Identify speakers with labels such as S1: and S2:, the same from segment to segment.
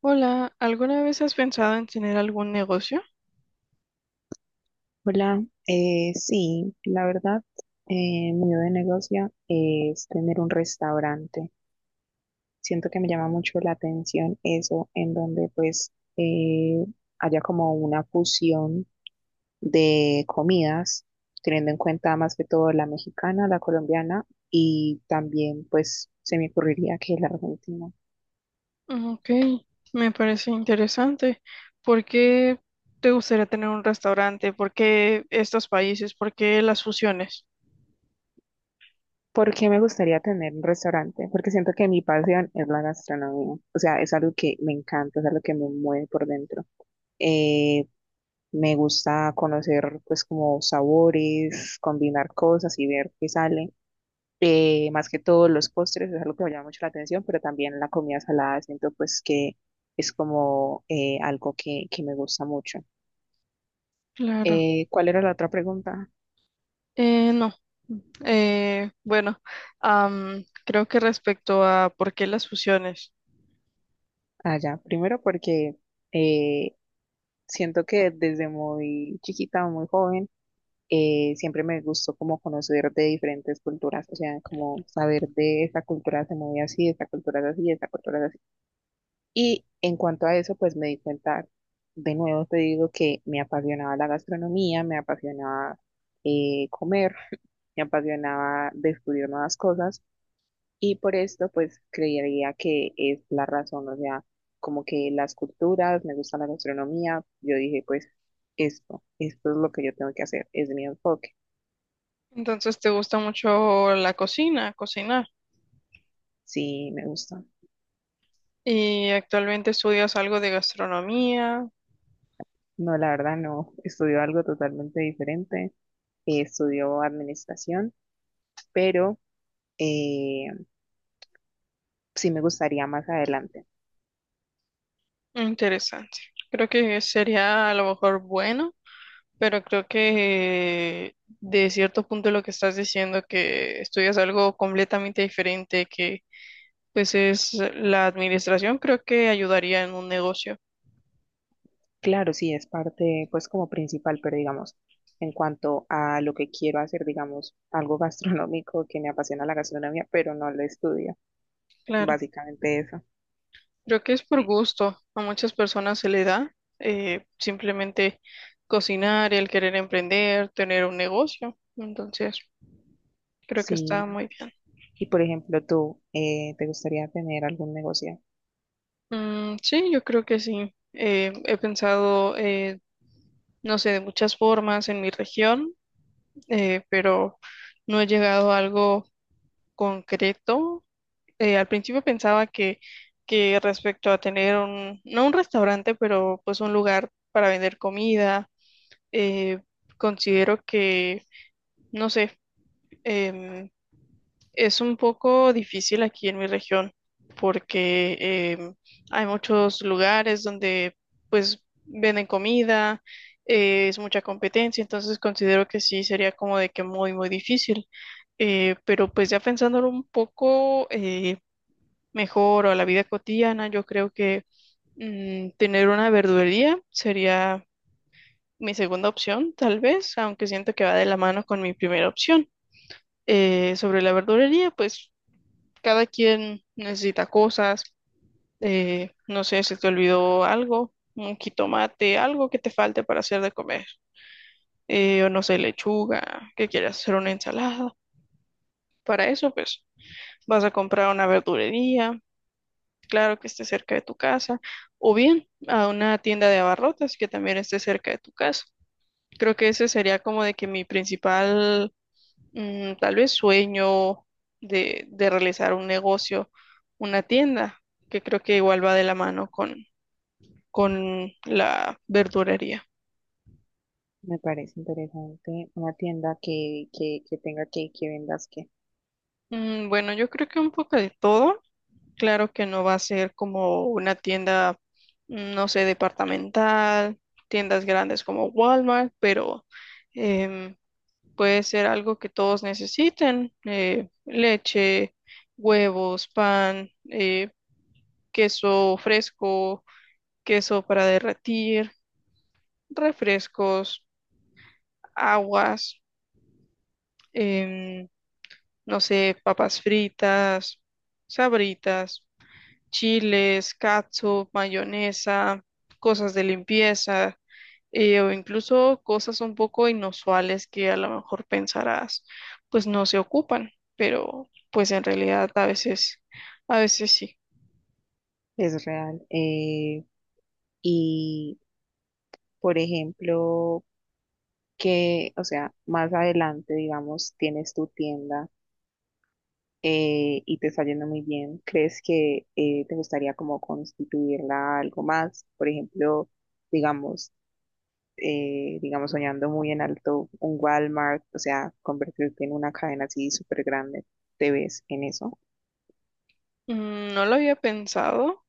S1: Hola, ¿alguna vez has pensado en tener algún negocio?
S2: Hola, sí, la verdad, mi idea de negocio es tener un restaurante. Siento que me llama mucho la atención eso, en donde pues eh, haya como una fusión de comidas, teniendo en cuenta más que todo la mexicana, la colombiana y también pues se me ocurriría que la argentina.
S1: Mm, Ok, me parece interesante. ¿Por qué te gustaría tener un restaurante? ¿Por qué estos países? ¿Por qué las fusiones?
S2: ¿Por qué me gustaría tener un restaurante? Porque siento que mi pasión es la gastronomía, o sea, es algo que me encanta, es algo que me mueve por dentro. Eh, Me gusta conocer pues como sabores, combinar cosas y ver qué sale. Más que todo los postres es algo que me llama mucho la atención, pero también la comida salada siento pues que es como algo que me gusta mucho.
S1: Claro.
S2: ¿Cuál era la otra pregunta?
S1: No. Bueno, creo que respecto a por qué las fusiones.
S2: Ah, ya, primero porque eh, siento que desde muy chiquita o muy joven siempre me gustó como conocer de diferentes culturas, o sea, como saber de esta cultura se mueve así, esta cultura es así, esta cultura es así. Y en cuanto a eso, pues me di cuenta, de nuevo te digo que me apasionaba la gastronomía, me apasionaba comer, me apasionaba descubrir nuevas cosas y por esto pues creería que es la razón, o sea, como que las culturas, me gusta la gastronomía, yo dije pues esto es lo que yo tengo que hacer, es mi enfoque.
S1: Entonces, ¿te gusta mucho la cocina, cocinar?
S2: Sí, me gusta.
S1: Y actualmente estudias algo de gastronomía.
S2: No, la verdad no. Estudió algo totalmente diferente. Estudió administración, pero eh, sí me gustaría más adelante.
S1: Interesante. Creo que sería a lo mejor bueno, pero creo que de cierto punto lo que estás diciendo, que estudias algo completamente diferente, que pues es la administración, creo que ayudaría en un negocio.
S2: Claro, sí, es parte, pues como principal, pero digamos, en cuanto a lo que quiero hacer, digamos, algo gastronómico que me apasiona la gastronomía, pero no lo estudio.
S1: Claro.
S2: Básicamente eso.
S1: Creo que es por gusto. A muchas personas se le da simplemente cocinar, el querer emprender, tener un negocio. Entonces, creo que está
S2: Sí.
S1: muy bien.
S2: Y por ejemplo, tú, ¿te gustaría tener algún negocio?
S1: Mm, sí, yo creo que sí. He pensado, no sé, de muchas formas en mi región, pero no he llegado a algo concreto. Al principio pensaba que respecto a tener un, no un restaurante, pero pues un lugar para vender comida. eh, Considero que, no sé, em, es un poco difícil aquí en mi región porque em, hay muchos lugares donde pues venden comida, es mucha competencia, entonces considero que sí sería como de que muy, muy difícil. Pero pues ya pensándolo un poco mejor o a la vida cotidiana, yo creo que tener una verdulería sería mi segunda opción, tal vez, aunque siento que va de la mano con mi primera opción. Sobre la verdulería, pues cada quien necesita cosas. No sé si te olvidó algo, un jitomate, algo que te falte para hacer de comer. O no sé, lechuga, que quieras hacer una ensalada. Para eso, pues vas a comprar una verdulería, claro que esté cerca de tu casa, o bien a una tienda de abarrotes que también esté cerca de tu casa. Creo que ese sería como de que mi principal, tal vez, sueño de realizar un negocio, una tienda, que creo que igual va de la mano con la verdurería.
S2: Me parece interesante una tienda que tenga que vendas que.
S1: Mm, bueno, yo creo que un poco de todo. Claro que no va a ser como una tienda, no sé, departamental, tiendas grandes como Walmart, pero em, puede ser algo que todos necesiten, leche, huevos, pan, queso fresco, queso para derretir, refrescos, aguas, em, no sé, papas fritas, sabritas, chiles, catsup, mayonesa, cosas de limpieza, o incluso cosas un poco inusuales que a lo mejor pensarás, pues no se ocupan, pero pues en realidad a veces sí.
S2: Es real. Y, por ejemplo, que, o sea, más adelante, digamos, tienes tu tienda y te está yendo muy bien, ¿crees que te gustaría como constituirla algo más? Por ejemplo, digamos, digamos, soñando muy en alto, un Walmart, o sea, convertirte en una cadena así súper grande, ¿te ves en eso?
S1: No lo había pensado,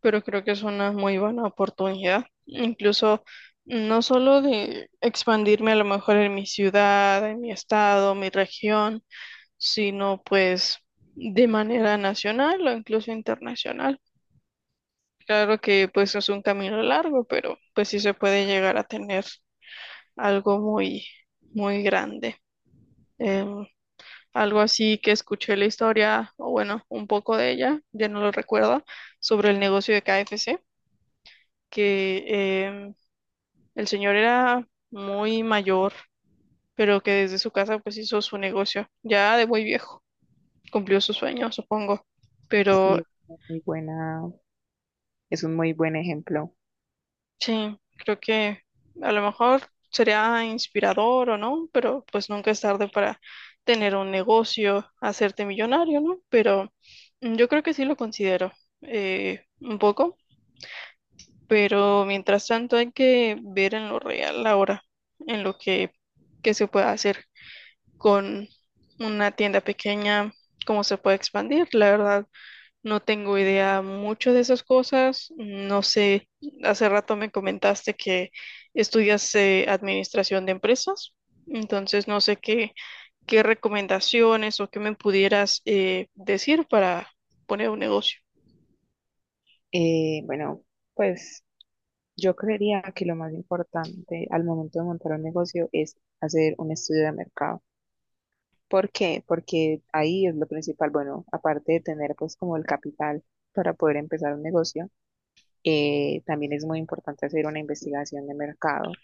S1: pero creo que es una muy buena oportunidad. Incluso no solo de expandirme a lo mejor en mi ciudad, en mi estado, mi región, sino pues de manera nacional o incluso internacional. Claro que pues es un camino largo, pero pues sí se puede llegar a tener algo muy, muy grande. Em, Algo así que escuché la historia, o bueno, un poco de ella, ya no lo recuerdo, sobre el negocio de KFC, que em, el señor era muy mayor, pero que desde su casa pues hizo su negocio, ya de muy viejo, cumplió su sueño, supongo.
S2: Sí,
S1: Pero
S2: es una muy buena, es un muy buen ejemplo.
S1: sí, creo que a lo mejor sería inspirador o no, pero pues nunca es tarde para tener un negocio, hacerte millonario, ¿no? Pero yo creo que sí lo considero, un poco, pero mientras tanto hay que ver en lo real ahora, en lo que se puede hacer con una tienda pequeña, cómo se puede expandir. La verdad, no tengo idea mucho de esas cosas. No sé, hace rato me comentaste que estudias administración de empresas, entonces no sé qué recomendaciones o qué me pudieras decir para poner un negocio.
S2: Bueno, pues yo creería que lo más importante al momento de montar un negocio es hacer un estudio de mercado. ¿Por qué? Porque ahí es lo principal. Bueno, aparte de tener pues como el capital para poder empezar un negocio, también es muy importante hacer una investigación de mercado.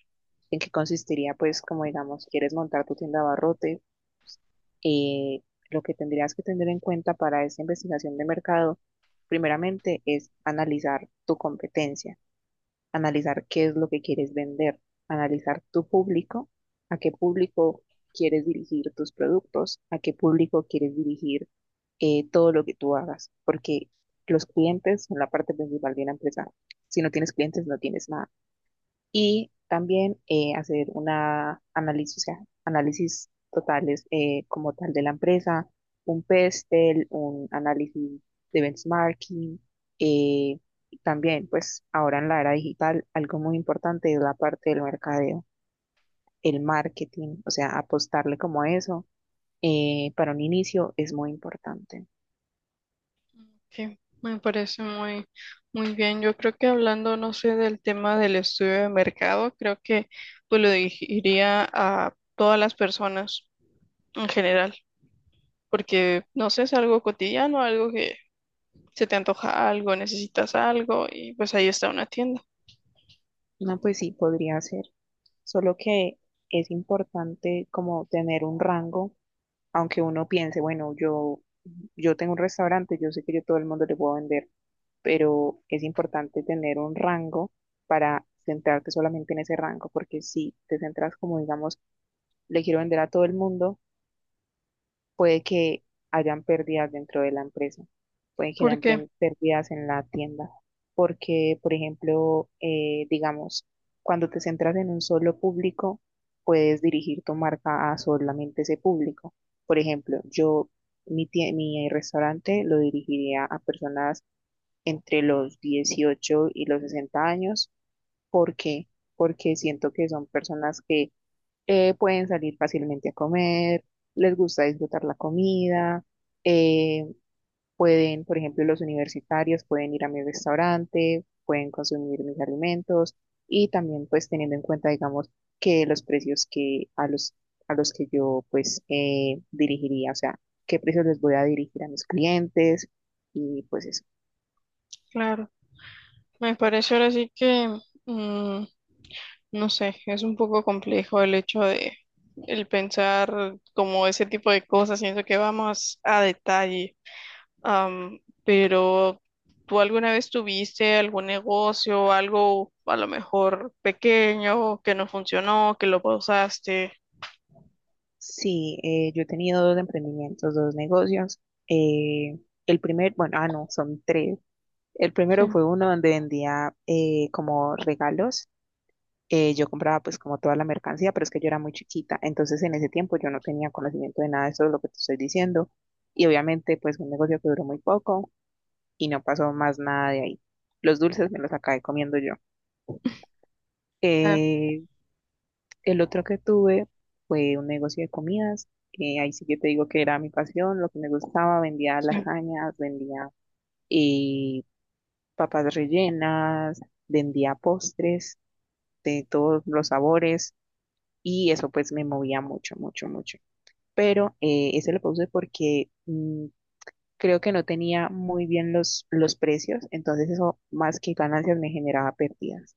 S2: ¿En qué consistiría? Pues como digamos, quieres montar tu tienda de abarrotes, eh, lo que tendrías que tener en cuenta para esa investigación de mercado, primeramente, es analizar tu competencia, analizar qué es lo que quieres vender, analizar tu público, a qué público quieres dirigir tus productos, a qué público quieres dirigir todo lo que tú hagas, porque los clientes son la parte principal de una empresa. Si no tienes clientes, no tienes nada, y también hacer una análisis, o sea, análisis totales como tal de la empresa, un PESTEL, un análisis de benchmarking, eh, y también pues ahora en la era digital algo muy importante es la parte del mercadeo, el marketing, o sea, apostarle como a eso, para un inicio es muy importante.
S1: Sí, me parece muy, muy bien. Yo creo que hablando, no sé, del tema del estudio de mercado, creo que pues lo diría a todas las personas en general, porque no sé, es algo cotidiano, algo que se te antoja algo, necesitas algo y pues ahí está una tienda.
S2: No, pues sí, podría ser, solo que es importante como tener un rango, aunque uno piense, bueno, yo tengo un restaurante, yo sé que yo todo el mundo le puedo vender, pero es importante tener un rango para centrarte solamente en ese rango, porque si te centras como, digamos, le quiero vender a todo el mundo, puede que hayan pérdidas dentro de la empresa, puede que hayan
S1: Porque,
S2: pérdidas en la tienda, porque, por ejemplo, digamos, cuando te centras en un solo público, puedes dirigir tu marca a solamente ese público. Por ejemplo, yo, mi restaurante lo dirigiría a personas entre los 18 y los 60 años, porque porque siento que son personas que pueden salir fácilmente a comer, les gusta disfrutar la comida, eh, pueden, por ejemplo, los universitarios pueden ir a mi restaurante, pueden consumir mis alimentos, y también pues teniendo en cuenta, digamos, que los precios que a los, que yo pues dirigiría, o sea, qué precios les voy a dirigir a mis clientes y pues eso.
S1: claro, me parece ahora sí que, mm, no sé, es un poco complejo el hecho de el pensar como ese tipo de cosas, siento que vamos a detalle. Pero ¿tú alguna vez tuviste algún negocio, algo a lo mejor pequeño que no funcionó, que lo pausaste?
S2: Sí, yo he tenido dos emprendimientos, dos negocios. eh, el primer, bueno, ah, no, son tres. El
S1: Sí,
S2: primero fue uno donde vendía como regalos. Yo compraba pues como toda la mercancía, pero es que yo era muy chiquita. Entonces en ese tiempo yo no tenía conocimiento de nada de eso, es lo que te estoy diciendo. Y obviamente pues un negocio que duró muy poco y no pasó más nada de ahí. Los dulces me los acabé comiendo yo.
S1: claro,
S2: Eh, el otro que tuve fue un negocio de comidas. Ahí sí que te digo que era mi pasión, lo que me gustaba. Vendía
S1: sí,
S2: lasañas, vendía eh, papas rellenas, vendía postres de todos los sabores y eso pues me movía mucho, mucho, mucho. Pero ese lo puse porque creo que no tenía muy bien los precios, entonces eso más que ganancias me generaba pérdidas.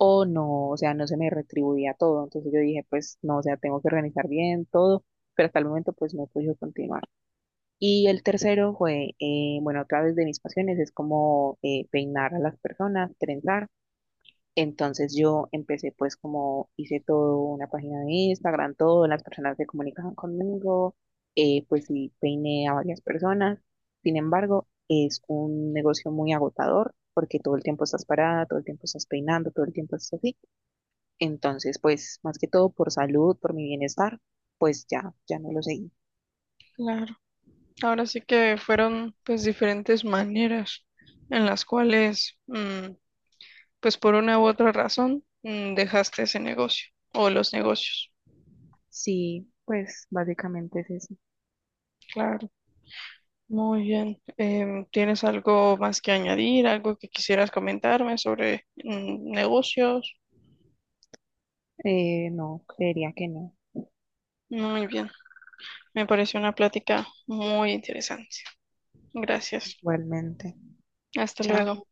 S2: O no, o sea, no se me retribuía todo, entonces yo dije pues no, o sea, tengo que organizar bien todo, pero hasta el momento pues no pude continuar. Y el tercero fue, bueno, otra vez de mis pasiones es como peinar a las personas, trenzar. Entonces yo empecé pues como hice todo una página de Instagram, todo, las personas se comunicaban conmigo, pues sí peiné a varias personas. Sin embargo, es un negocio muy agotador porque todo el tiempo estás parada, todo el tiempo estás peinando, todo el tiempo estás así. Entonces, pues más que todo por salud, por mi bienestar, pues ya, ya no lo seguí.
S1: claro. Ahora sí que fueron pues diferentes maneras en las cuales, pues por una u otra razón, dejaste ese negocio o los negocios.
S2: Sí, pues básicamente es eso.
S1: Claro, muy bien. ¿Tienes algo más que añadir, algo que quisieras comentarme sobre, negocios?
S2: No, creería que no,
S1: Muy bien. Me pareció una plática muy interesante. Gracias.
S2: igualmente.
S1: Hasta luego.
S2: Chao.